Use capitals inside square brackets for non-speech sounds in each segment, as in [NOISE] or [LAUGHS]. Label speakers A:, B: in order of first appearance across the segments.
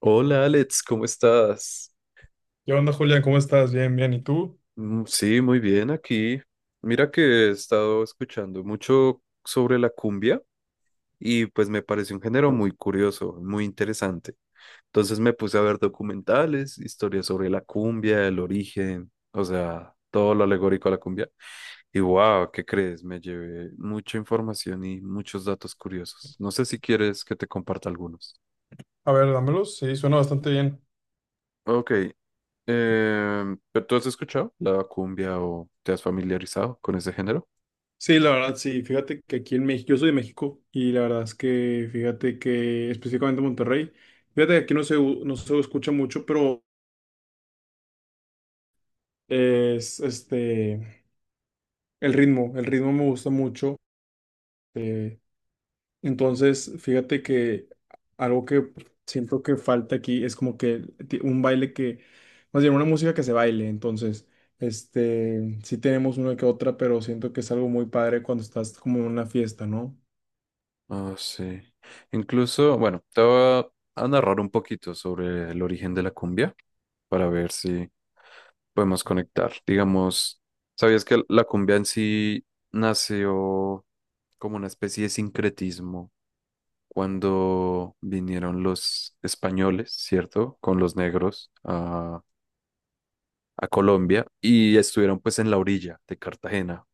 A: Hola Alex, ¿cómo estás?
B: ¿Qué onda, Julián? ¿Cómo estás? Bien, bien. ¿Y tú?
A: Mm, sí, muy bien aquí. Mira que he estado escuchando mucho sobre la cumbia y pues me parece un género muy curioso, muy interesante. Entonces me puse a ver documentales, historias sobre la cumbia, el origen, o sea, todo lo alegórico a la cumbia. Y wow, ¿qué crees? Me llevé mucha información y muchos datos curiosos. No sé si quieres que te comparta algunos.
B: A ver, dámelos. Sí, suena bastante bien.
A: Ok, ¿pero tú has escuchado la cumbia o te has familiarizado con ese género?
B: Sí, la verdad, sí. Fíjate que aquí en México, yo soy de México y la verdad es que, fíjate que específicamente Monterrey, fíjate que aquí no se, no se escucha mucho, pero es este, el ritmo me gusta mucho. eh, Entonces, fíjate que algo que siento que falta aquí es como que un baile que, más bien una música que se baile. Entonces, este, sí tenemos una que otra, pero siento que es algo muy padre cuando estás como en una fiesta, ¿no?
A: Ah, sí. Incluso, bueno, te voy a narrar un poquito sobre el origen de la cumbia para ver si podemos conectar. Digamos, ¿sabías que la cumbia en sí nació como una especie de sincretismo cuando vinieron los españoles, ¿cierto? Con los negros a Colombia y estuvieron pues en la orilla de Cartagena.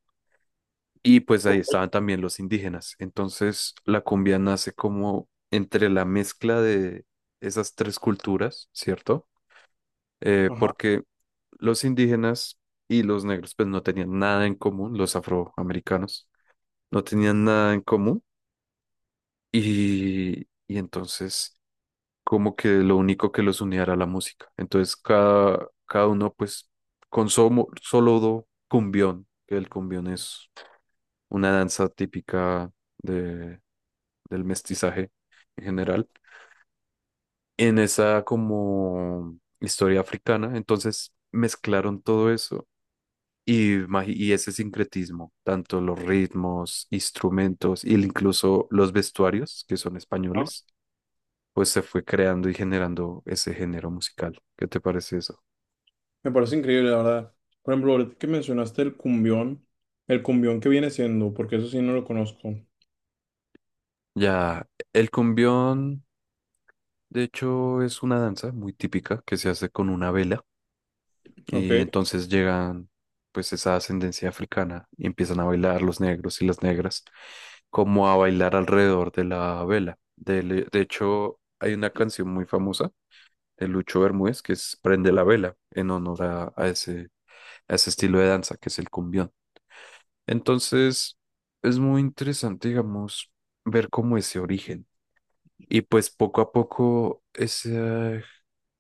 A: Y pues ahí estaban también los indígenas. Entonces la cumbia nace como entre la mezcla de esas tres culturas, ¿cierto?
B: Ajá.
A: Porque los indígenas y los negros pues no tenían nada en común, los afroamericanos no tenían nada en común y, y entonces como que lo único que los unía era la música. Entonces cada uno pues con somo- solo do- cumbión, que el cumbión es una danza típica de del mestizaje en general, en esa como historia africana. Entonces mezclaron todo eso y ese sincretismo, tanto los ritmos, instrumentos y incluso los vestuarios, que son españoles, pues se fue creando y generando ese género musical. ¿Qué te parece eso?
B: Me parece increíble, la verdad. Por ejemplo, ahorita que mencionaste el cumbión que viene siendo, porque eso sí no lo conozco.
A: Ya, el cumbión, de hecho, es una danza muy típica que se hace con una vela.
B: Ok.
A: Y entonces llegan pues esa ascendencia africana y empiezan a bailar los negros y las negras, como a bailar alrededor de la vela. De hecho, hay una canción muy famosa de Lucho Bermúdez que es Prende la vela en honor a ese estilo de danza que es el cumbión. Entonces, es muy interesante, digamos, ver cómo ese origen. Y pues poco a poco esa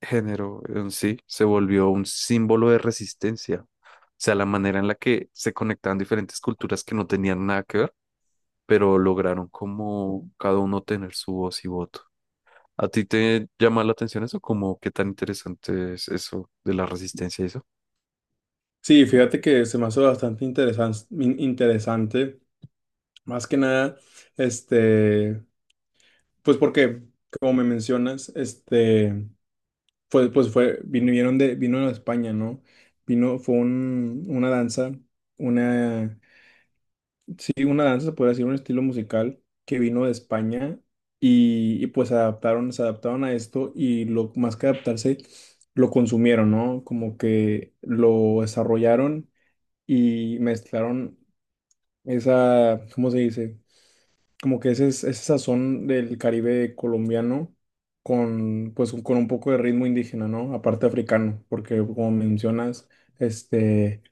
A: género en sí se volvió un símbolo de resistencia. O sea, la manera en la que se conectaban diferentes culturas que no tenían nada que ver, pero lograron como cada uno tener su voz y voto. ¿A ti te llama la atención eso? ¿Como qué tan interesante es eso de la resistencia y eso?
B: Sí, fíjate que se me hace bastante interesante. Más que nada, este, pues porque, como me mencionas, este, fue, pues fue, vinieron de, vino de España, ¿no? Vino, fue una danza, una. Sí, una danza, se podría decir, un estilo musical que vino de España y, pues adaptaron, se adaptaron a esto y lo más que adaptarse, lo consumieron, ¿no? Como que lo desarrollaron y mezclaron esa, ¿cómo se dice? Como que ese sazón del Caribe colombiano con, pues, con un poco de ritmo indígena, ¿no? Aparte africano, porque como mencionas, este...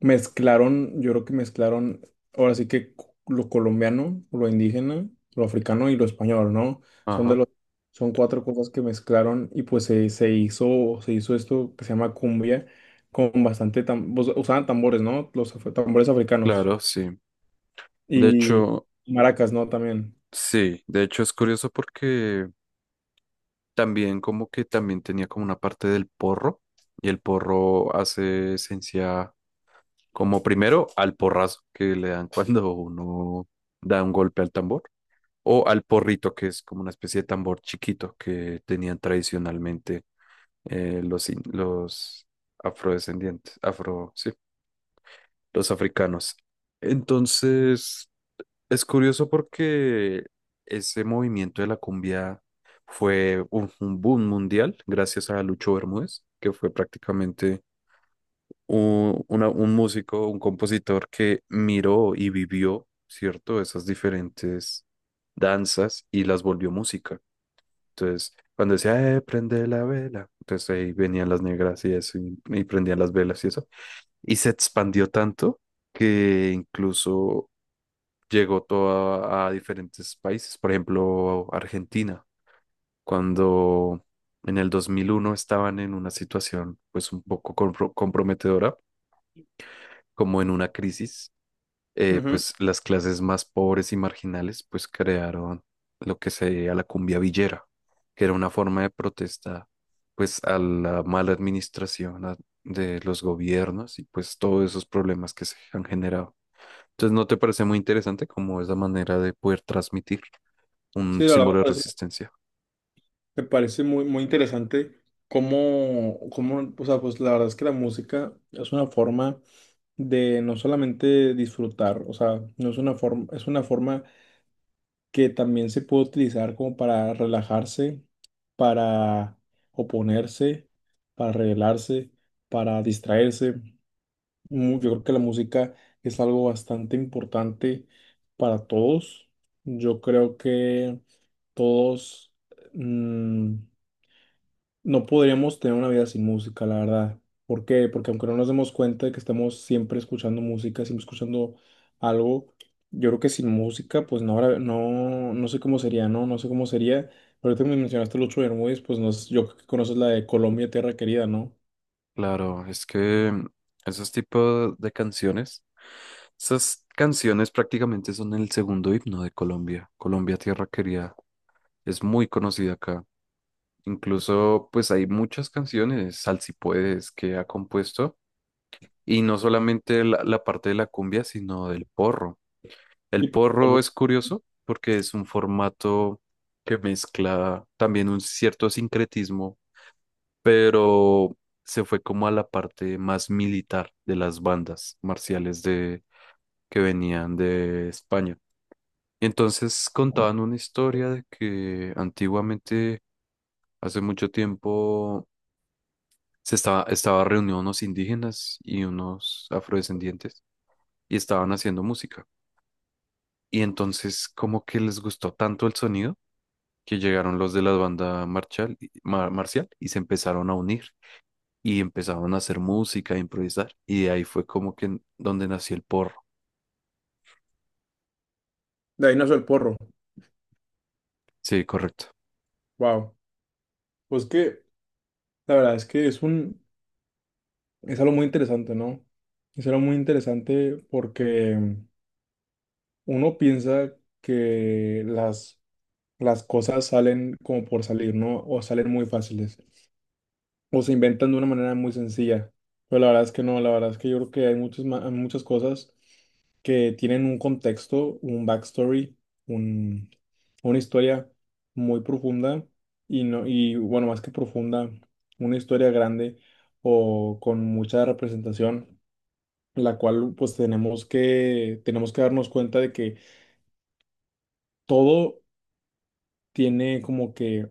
B: Mezclaron, yo creo que mezclaron, ahora sí que lo colombiano, lo indígena, lo africano y lo español, ¿no? Son de
A: Ajá,
B: los, son cuatro cosas que mezclaron y pues se, se hizo esto que se llama cumbia con bastante, pues, usaban tambores, ¿no? Los tambores africanos
A: claro, sí. De
B: y
A: hecho,
B: maracas, ¿no? También.
A: sí, de hecho es curioso porque también como que también tenía como una parte del porro y el porro hace esencia. Como primero, al porrazo que le dan [LAUGHS] cuando uno da un golpe al tambor, o al porrito, que es como una especie de tambor chiquito que tenían tradicionalmente los, in- los afrodescendientes, afro, sí, los africanos. Entonces, es curioso porque ese movimiento de la cumbia fue un boom mundial gracias a Lucho Bermúdez, que fue prácticamente un músico, un compositor que miró y vivió, ¿cierto? Esas diferentes danzas y las volvió música. Entonces, cuando decía, prende la vela, entonces ahí venían las negras y eso, y prendían las velas y eso. Y se expandió tanto que incluso llegó toda a diferentes países, por ejemplo, Argentina, cuando... En el 2001 estaban en una situación pues un poco compro- comprometedora, como en una crisis,
B: Ujú.
A: pues las clases más pobres y marginales pues crearon lo que se sería la cumbia villera, que era una forma de protesta pues a la mala administración de los gobiernos y pues todos esos problemas que se han generado. Entonces, ¿no te parece muy interesante como es la manera de poder transmitir un
B: Sí, la
A: símbolo de
B: verdad,
A: resistencia?
B: me parece muy, muy interesante cómo, cómo, o sea, pues la verdad es que la música es una forma de no solamente disfrutar, o sea, no es una forma, es una forma que también se puede utilizar como para relajarse, para oponerse, para rebelarse, para distraerse. Yo creo que la música es algo bastante importante para todos. Yo creo que todos mm, no podríamos tener una vida sin música, la verdad. ¿Por qué? Porque aunque no nos demos cuenta de que estamos siempre escuchando música, siempre escuchando algo, yo creo que sin música, pues no, no, no sé cómo sería, ¿no? No sé cómo sería. Ahorita me mencionaste Lucho Bermúdez, pues no, sé, yo creo que conoces la de Colombia, Tierra Querida, ¿no?
A: Claro, es que esos tipos de canciones, esas canciones prácticamente son el segundo himno de Colombia. Colombia, tierra querida. Es muy conocida acá. Incluso, pues hay muchas canciones, Sal si puedes, que ha compuesto. Y no solamente la parte de la cumbia, sino del porro.
B: Y
A: El
B: pues,
A: porro es curioso porque es un formato que mezcla también un cierto sincretismo, pero se fue como a la parte más militar de las bandas marciales de, que venían de España. Y entonces contaban una historia de que antiguamente, hace mucho tiempo, se estaba reunido unos indígenas y unos afrodescendientes y estaban haciendo música. Y entonces como que les gustó tanto el sonido que llegaron los de la banda marcial, marcial y se empezaron a unir y empezaron a hacer música, a improvisar. Y de ahí fue como que donde nació el porro.
B: de ahí nació el porro.
A: Sí, correcto.
B: Wow. Pues que, la verdad es que es un, es algo muy interesante, ¿no? Es algo muy interesante porque uno piensa que las cosas salen como por salir, ¿no? O salen muy fáciles, o se inventan de una manera muy sencilla. Pero la verdad es que no, la verdad es que yo creo que hay muchas, hay muchas cosas que tienen un contexto, un backstory, un, una historia muy profunda y, no, y bueno, más que profunda, una historia grande o con mucha representación, la cual pues tenemos que darnos cuenta de que todo tiene como que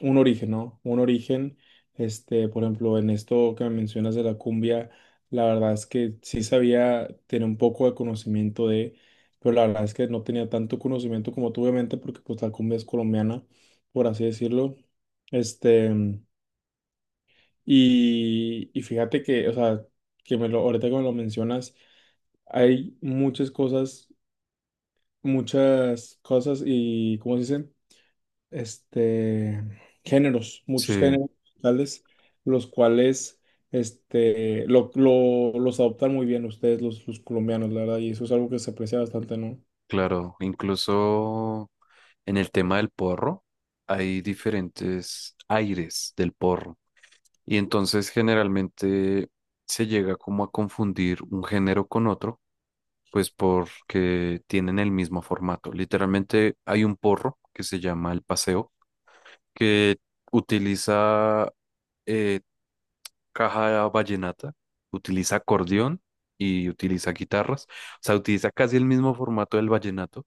B: un origen, ¿no? Un origen, este, por ejemplo, en esto que me mencionas de la cumbia, la verdad es que sí sabía tener un poco de conocimiento de, pero la verdad es que no tenía tanto conocimiento como tú, obviamente, porque pues la cumbia es colombiana, por así decirlo. Este, y fíjate que, o sea, que me lo, ahorita que me lo mencionas, hay muchas cosas y, ¿cómo se dicen? Este, géneros, muchos
A: Sí,
B: géneros musicales, los cuales este, lo, los adoptan muy bien ustedes, los colombianos, la verdad, y eso es algo que se aprecia bastante, ¿no?
A: claro. Incluso en el tema del porro hay diferentes aires del porro. Y entonces generalmente se llega como a confundir un género con otro, pues porque tienen el mismo formato. Literalmente hay un porro que se llama el paseo, que utiliza eh, caja vallenata, utiliza acordeón y utiliza guitarras. O sea, utiliza casi el mismo formato del vallenato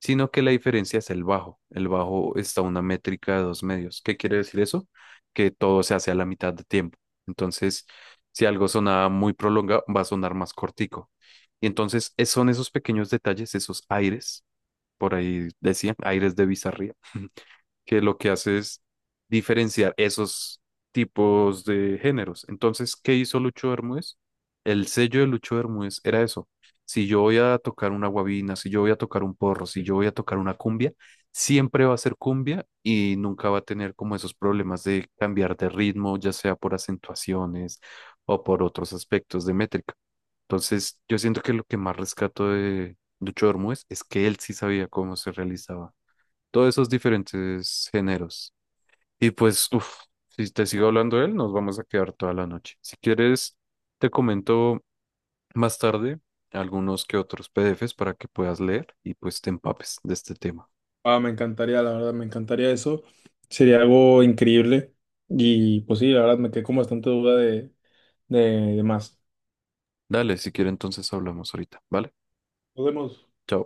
A: sino que la diferencia es el bajo. El bajo está a una métrica de dos medios. ¿Qué quiere decir eso? Que todo se hace a la mitad de tiempo. Entonces, si algo sonaba muy prolongado, va a sonar más cortico. Y entonces son esos pequeños detalles, esos aires, por ahí decían, aires de bizarría, que lo que hace es diferenciar esos tipos de géneros. Entonces, ¿qué hizo Lucho Bermúdez? El sello de Lucho Bermúdez era eso. Si yo voy a tocar una guabina, si yo voy a tocar un porro, si yo voy a tocar una cumbia, siempre va a ser cumbia y nunca va a tener como esos problemas de cambiar de ritmo, ya sea por acentuaciones o por otros aspectos de métrica. Entonces, yo siento que lo que más rescato de Lucho Bermúdez es que él sí sabía cómo se realizaba todos esos diferentes géneros. Y pues, uff, si te sigo hablando de él, nos vamos a quedar toda la noche. Si quieres, te comento más tarde algunos que otros PDFs para que puedas leer y pues te empapes de este tema.
B: Ah, me encantaría, la verdad, me encantaría eso, sería algo increíble, y pues sí, la verdad, me quedé con bastante duda de, de más.
A: Dale, si quieres, entonces hablamos ahorita, ¿vale?
B: Nos vemos.
A: Chao.